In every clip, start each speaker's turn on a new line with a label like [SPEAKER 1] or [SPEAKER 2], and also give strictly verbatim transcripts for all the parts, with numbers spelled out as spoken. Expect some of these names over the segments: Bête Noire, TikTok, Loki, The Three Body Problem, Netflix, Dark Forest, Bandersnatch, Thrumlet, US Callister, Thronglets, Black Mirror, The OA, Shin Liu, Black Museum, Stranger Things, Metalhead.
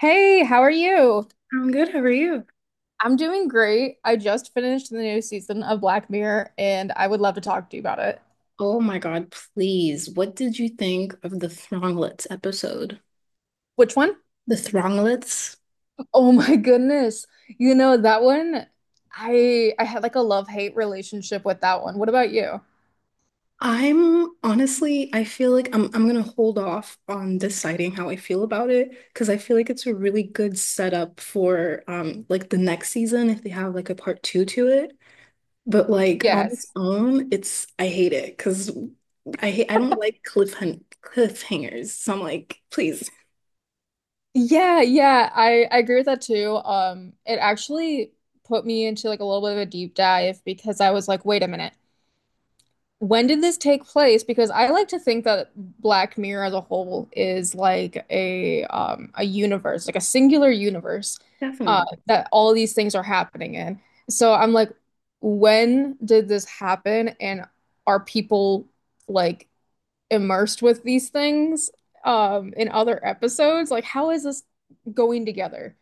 [SPEAKER 1] Hey, how are you?
[SPEAKER 2] I'm good. How are you?
[SPEAKER 1] I'm doing great. I just finished the new season of Black Mirror and I would love to talk to you about it.
[SPEAKER 2] Oh my God, please. What did you think of the Thronglets episode?
[SPEAKER 1] Which one?
[SPEAKER 2] The Thronglets?
[SPEAKER 1] Oh my goodness. You know that one, I I had like a love-hate relationship with that one. What about you?
[SPEAKER 2] I'm honestly, I feel like I'm I'm gonna hold off on deciding how I feel about it because I feel like it's a really good setup for um like the next season if they have like a part two to it. But like on
[SPEAKER 1] Yes.
[SPEAKER 2] its own, it's I hate it because I hate I don't like cliffhang cliffhangers. So I'm like, please,
[SPEAKER 1] Yeah, yeah, I I agree with that too. Um it actually put me into like a little bit of a deep dive because I was like, wait a minute. When did this take place? Because I like to think that Black Mirror as a whole is like a um a universe, like a singular universe, uh,
[SPEAKER 2] definitely.
[SPEAKER 1] that all these things are happening in. So I'm like, when did this happen? And are people like immersed with these things um in other episodes? Like, how is this going together?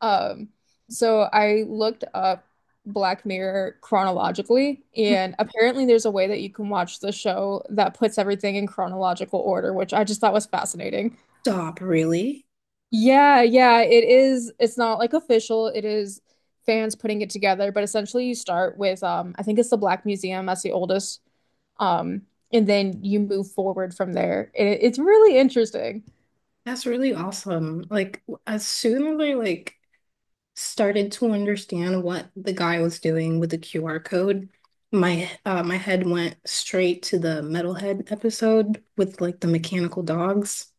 [SPEAKER 1] Um, so I looked up Black Mirror chronologically, and apparently there's a way that you can watch the show that puts everything in chronological order, which I just thought was fascinating.
[SPEAKER 2] Stop, really.
[SPEAKER 1] Yeah, yeah, it is. It's not like official, it is fans putting it together, but essentially you start with um I think it's the Black Museum, that's the oldest. Um, and then you move forward from there. It, it's really interesting.
[SPEAKER 2] That's really awesome. Like as soon as I like started to understand what the guy was doing with the Q R code, my uh my head went straight to the Metalhead episode with like the mechanical dogs.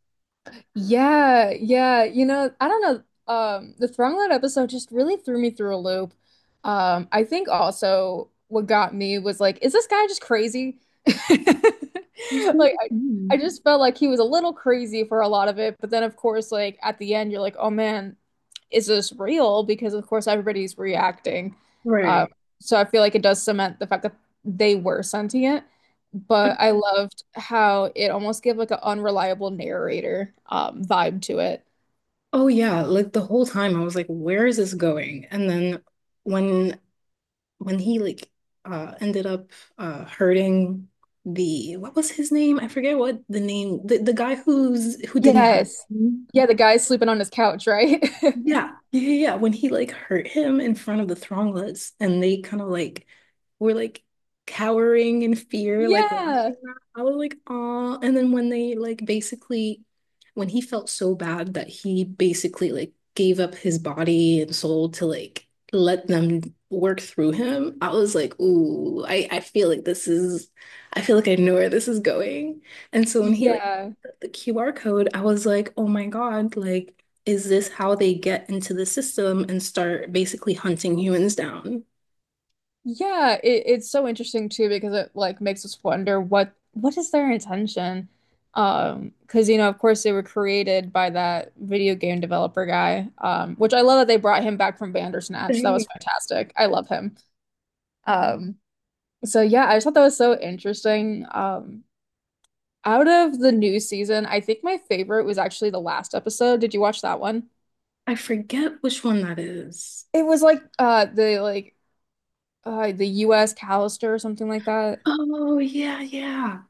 [SPEAKER 1] Yeah, yeah. You know, I don't know. Um, the Thrumlet episode just really threw me through a loop. Um, I think also what got me was like, is this guy just crazy? Like, I, I
[SPEAKER 2] Mhm.
[SPEAKER 1] just felt like he was a little crazy for a lot of it, but then of course, like at the end, you're like, oh man, is this real? Because of course everybody's reacting. Um,
[SPEAKER 2] Right.
[SPEAKER 1] so I feel like it does cement the fact that they were sentient, but I loved how it almost gave like an unreliable narrator um, vibe to it.
[SPEAKER 2] Oh yeah, like the whole time I was like, where is this going? And then when when he like uh ended up uh hurting the what was his name? I forget what the name the, the guy who's who didn't have.
[SPEAKER 1] Yes. Yeah, the guy's sleeping on his couch, right?
[SPEAKER 2] Yeah, yeah, yeah, yeah. When he like hurt him in front of the Thronglets, and they kind of like were like cowering in fear, like
[SPEAKER 1] Yeah.
[SPEAKER 2] watching that. I was like, oh. And then when they like basically, when he felt so bad that he basically like gave up his body and soul to like let them work through him, I was like, ooh, I I feel like this is, I feel like I know where this is going. And so when he like
[SPEAKER 1] Yeah.
[SPEAKER 2] Q R code, I was like, oh my God, like, is this how they get into the system and start basically hunting humans down?
[SPEAKER 1] Yeah, it, it's so interesting too because it like makes us wonder what what is their intention? Um, because you know, of course, they were created by that video game developer guy, um, which I love that they brought him back from Bandersnatch. That was
[SPEAKER 2] Dang.
[SPEAKER 1] fantastic. I love him. Um, so yeah, I just thought that was so interesting. Um, out of the new season, I think my favorite was actually the last episode. Did you watch that one?
[SPEAKER 2] I forget which one that is.
[SPEAKER 1] It was like uh the like uh the U S Callister or something like that.
[SPEAKER 2] Oh, yeah, yeah.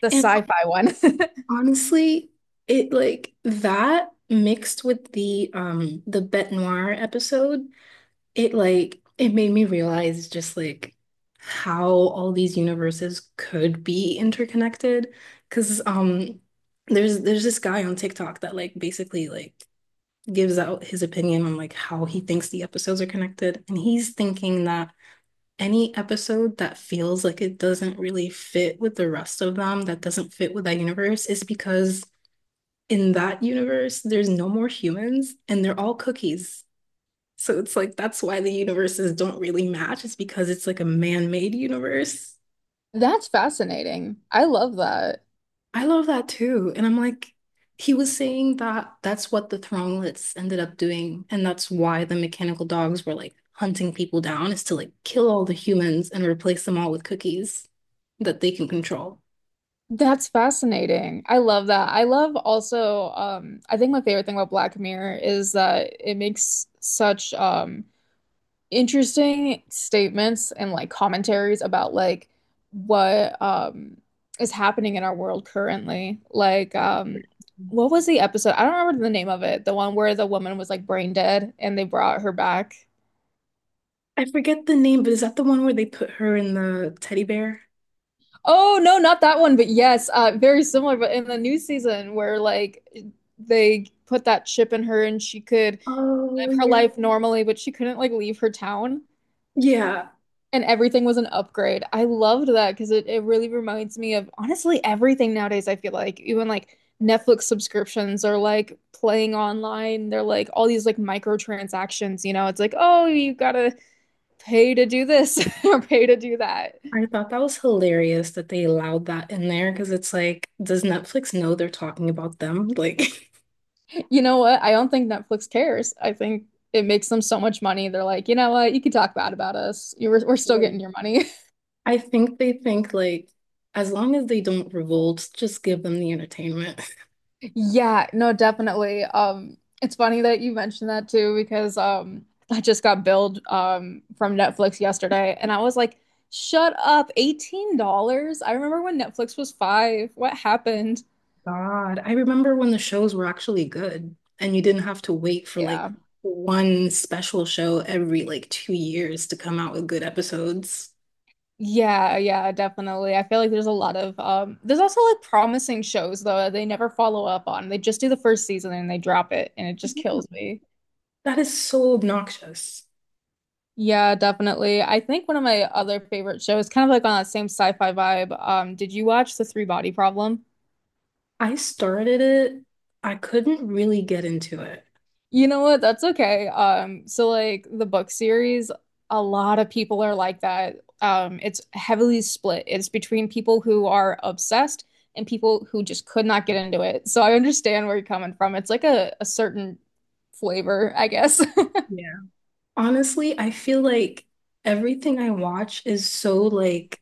[SPEAKER 1] The
[SPEAKER 2] And
[SPEAKER 1] sci-fi one.
[SPEAKER 2] honestly, it like that mixed with the um the Bête Noire episode, it like it made me realize just like how all these universes could be interconnected. Cause um there's there's this guy on TikTok that like basically like gives out his opinion on like how he thinks the episodes are connected. And he's thinking that any episode that feels like it doesn't really fit with the rest of them, that doesn't fit with that universe, is because in that universe, there's no more humans and they're all cookies. So it's like that's why the universes don't really match. It's because it's like a man-made universe.
[SPEAKER 1] That's fascinating. I love that.
[SPEAKER 2] I love that too. And I'm like, he was saying that that's what the Thronglets ended up doing. And that's why the mechanical dogs were like hunting people down, is to like kill all the humans and replace them all with cookies that they can control.
[SPEAKER 1] That's fascinating. I love that. I love also, um, I think my favorite thing about Black Mirror is that it makes such um interesting statements and like commentaries about like what um is happening in our world currently. Like um what was the episode? I don't remember the name of it. The one where the woman was like brain dead and they brought her back.
[SPEAKER 2] I forget the name, but is that the one where they put her in the teddy bear?
[SPEAKER 1] Oh no, not that one, but yes, uh, very similar. But in the new season, where like they put that chip in her and she could
[SPEAKER 2] Oh,
[SPEAKER 1] live her
[SPEAKER 2] yeah.
[SPEAKER 1] life normally, but she couldn't like leave her town,
[SPEAKER 2] Yeah.
[SPEAKER 1] and everything was an upgrade. I loved that because it it really reminds me of honestly everything nowadays. I feel like even like Netflix subscriptions or like playing online, they're like all these like microtransactions. You know, it's like, oh, you gotta pay to do this or pay to do that.
[SPEAKER 2] I thought that was hilarious that they allowed that in there because it's like, does Netflix know they're talking about them? Like,
[SPEAKER 1] You know what? I don't think Netflix cares. I think it makes them so much money. They're like, you know what? You can talk bad about us. You were, we're still getting
[SPEAKER 2] Mm.
[SPEAKER 1] your money.
[SPEAKER 2] I think they think like, as long as they don't revolt, just give them the entertainment.
[SPEAKER 1] Yeah, no, definitely. Um, it's funny that you mentioned that too because um, I just got billed um from Netflix yesterday, and I was like, shut up, eighteen dollars? I remember when Netflix was five. What happened?
[SPEAKER 2] God, I remember when the shows were actually good and you didn't have to wait for like
[SPEAKER 1] Yeah.
[SPEAKER 2] one special show every like two years to come out with good episodes.
[SPEAKER 1] Yeah, yeah, definitely. I feel like there's a lot of um there's also like promising shows though that they never follow up on. They just do the first season and they drop it and it just kills me.
[SPEAKER 2] That is so obnoxious.
[SPEAKER 1] Yeah, definitely. I think one of my other favorite shows, kind of like on that same sci-fi vibe, um, did you watch The Three Body Problem?
[SPEAKER 2] I started it, I couldn't really get into it.
[SPEAKER 1] You know what? That's okay. Um, so like the book series, a lot of people are like that. Um, it's heavily split. It's between people who are obsessed and people who just could not get into it. So I understand where you're coming from. It's like a, a certain flavor, I guess.
[SPEAKER 2] Honestly, I feel like everything I watch is so like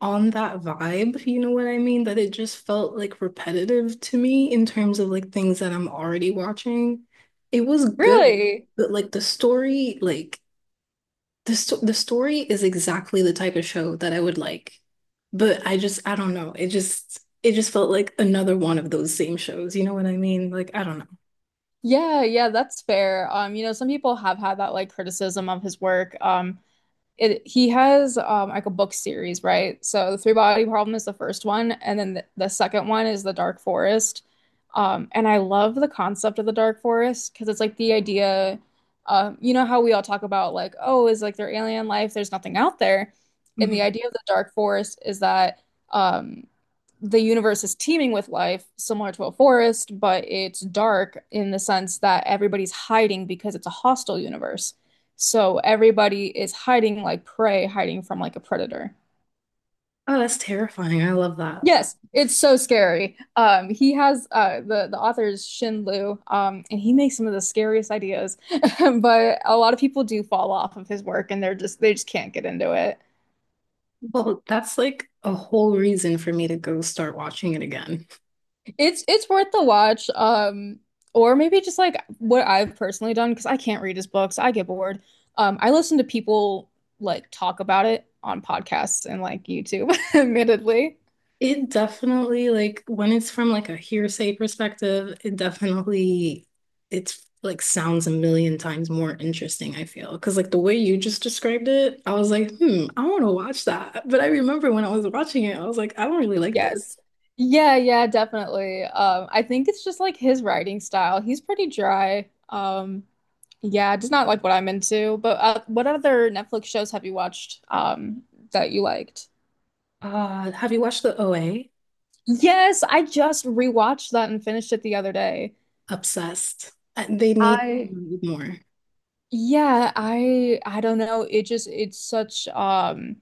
[SPEAKER 2] on that vibe, you know what I mean? That it just felt like repetitive to me in terms of like things that I'm already watching. It was good,
[SPEAKER 1] Really?
[SPEAKER 2] but like the story, like the sto the story is exactly the type of show that I would like. But I just I don't know. It just it just felt like another one of those same shows, you know what I mean? Like I don't know.
[SPEAKER 1] Yeah, yeah, that's fair. Um, you know, some people have had that like criticism of his work. Um, it He has um like a book series, right? So the Three Body Problem is the first one, and then the, the second one is the Dark Forest. Um, and I love the concept of the Dark Forest because it's like the idea, um, you know how we all talk about like, oh, is like there alien life? There's nothing out there. And the
[SPEAKER 2] Mhm.
[SPEAKER 1] idea of the Dark Forest is that um the universe is teeming with life, similar to a forest, but it's dark in the sense that everybody's hiding because it's a hostile universe. So everybody is hiding like prey, hiding from like a predator.
[SPEAKER 2] Oh, that's terrifying. I love that.
[SPEAKER 1] Yes, it's so scary. Um, he has uh, the the author is Shin Liu, um, and he makes some of the scariest ideas. But a lot of people do fall off of his work, and they're just they just can't get into it.
[SPEAKER 2] Well, that's like a whole reason for me to go start watching it again.
[SPEAKER 1] It's it's worth the watch. Um, or maybe just like what I've personally done, because I can't read his books. I get bored. Um, I listen to people like talk about it on podcasts and like YouTube, admittedly.
[SPEAKER 2] It definitely like when it's from like a hearsay perspective, it definitely it's like sounds a million times more interesting, I feel. Because like the way you just described it, I was like, hmm, I want to watch that. But I remember when I was watching it, I was like, I don't really like
[SPEAKER 1] Yes.
[SPEAKER 2] this.
[SPEAKER 1] Yeah, yeah, definitely. Um, I think it's just like his writing style. He's pretty dry. Um, yeah, just not like what I'm into. But uh, what other Netflix shows have you watched um that you liked?
[SPEAKER 2] Uh, have you watched the O A?
[SPEAKER 1] Yes, I just rewatched that and finished it the other day.
[SPEAKER 2] Obsessed. Uh, They need
[SPEAKER 1] I
[SPEAKER 2] more.
[SPEAKER 1] Yeah, I I don't know. It just it's such um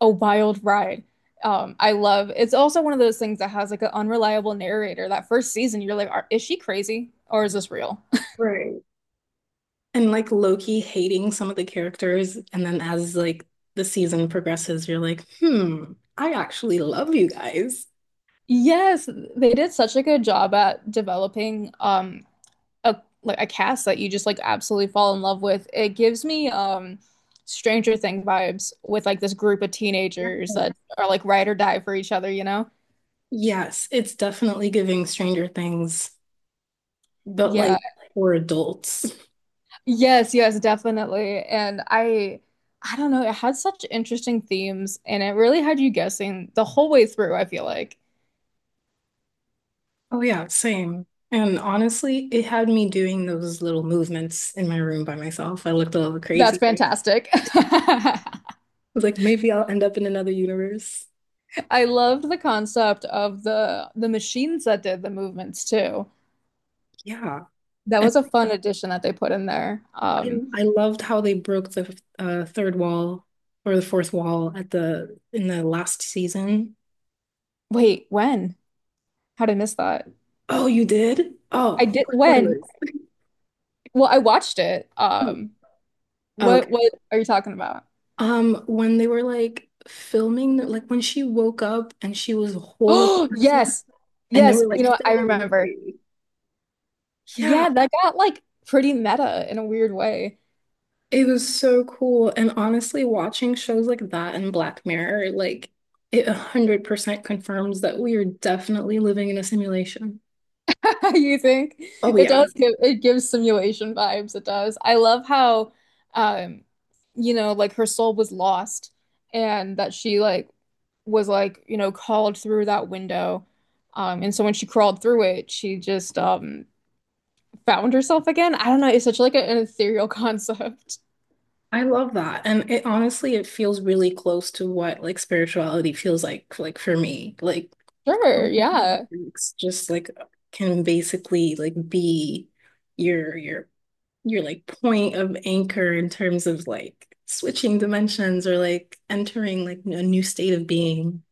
[SPEAKER 1] a wild ride. Um, I love, it's also one of those things that has like an unreliable narrator. That first season, you're like, Are, is she crazy or is this real?
[SPEAKER 2] Right. And like Loki hating some of the characters, and then as like the season progresses, you're like, hmm, I actually love you guys.
[SPEAKER 1] Yes, they did such a good job at developing um a like a cast that you just like absolutely fall in love with. It gives me um Stranger Thing vibes with like this group of
[SPEAKER 2] Yeah.
[SPEAKER 1] teenagers that are like ride or die for each other, you know?
[SPEAKER 2] Yes, it's definitely giving Stranger Things, but
[SPEAKER 1] Yeah.
[SPEAKER 2] like for adults.
[SPEAKER 1] Yes, yes, definitely. And I I don't know, it had such interesting themes and it really had you guessing the whole way through, I feel like.
[SPEAKER 2] Oh yeah, same. And honestly, it had me doing those little movements in my room by myself. I looked a little crazy.
[SPEAKER 1] That's
[SPEAKER 2] I
[SPEAKER 1] fantastic.
[SPEAKER 2] was like, maybe I'll end up in another universe.
[SPEAKER 1] I loved the concept of the the machines that did the movements too.
[SPEAKER 2] Yeah.
[SPEAKER 1] That
[SPEAKER 2] And
[SPEAKER 1] was a fun addition that they put in there.
[SPEAKER 2] I
[SPEAKER 1] Um
[SPEAKER 2] I loved how they broke the uh, third wall or the fourth wall at the in the last season.
[SPEAKER 1] wait, when? How did I miss that?
[SPEAKER 2] Oh, you did?
[SPEAKER 1] I
[SPEAKER 2] Oh,
[SPEAKER 1] did
[SPEAKER 2] no
[SPEAKER 1] when?
[SPEAKER 2] spoilers.
[SPEAKER 1] Well, I watched it. Um what
[SPEAKER 2] Okay.
[SPEAKER 1] what are you talking about?
[SPEAKER 2] Um, when they were like filming, like when she woke up and she was a whole other
[SPEAKER 1] Oh,
[SPEAKER 2] person,
[SPEAKER 1] yes.
[SPEAKER 2] and they
[SPEAKER 1] Yes,
[SPEAKER 2] were
[SPEAKER 1] you
[SPEAKER 2] like
[SPEAKER 1] know, I
[SPEAKER 2] filming a
[SPEAKER 1] remember.
[SPEAKER 2] movie. Yeah,
[SPEAKER 1] Yeah, that got like pretty meta in a weird way.
[SPEAKER 2] it was so cool. And honestly, watching shows like that and Black Mirror, like it one hundred percent confirms that we are definitely living in a simulation.
[SPEAKER 1] You think
[SPEAKER 2] Oh
[SPEAKER 1] it
[SPEAKER 2] yeah.
[SPEAKER 1] does, give it gives simulation vibes. It does. I love how, um, you know, like her soul was lost, and that she like was like you know called through that window, um, and so when she crawled through it, she just um found herself again. I don't know. It's such like an ethereal concept.
[SPEAKER 2] I love that. And it honestly, it feels really close to what like spirituality feels like, like for me. Like
[SPEAKER 1] Sure. Yeah.
[SPEAKER 2] it's just like can basically like be your your your like point of anchor in terms of like switching dimensions or like entering like a new state of being.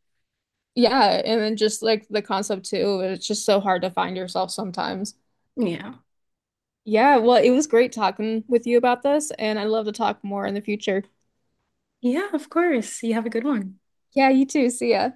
[SPEAKER 1] Yeah. And then just like the concept too. It's just so hard to find yourself sometimes.
[SPEAKER 2] Yeah.
[SPEAKER 1] Yeah, well, it was great talking with you about this, and I'd love to talk more in the future.
[SPEAKER 2] Yeah, of course. You have a good one.
[SPEAKER 1] Yeah, you too. See ya.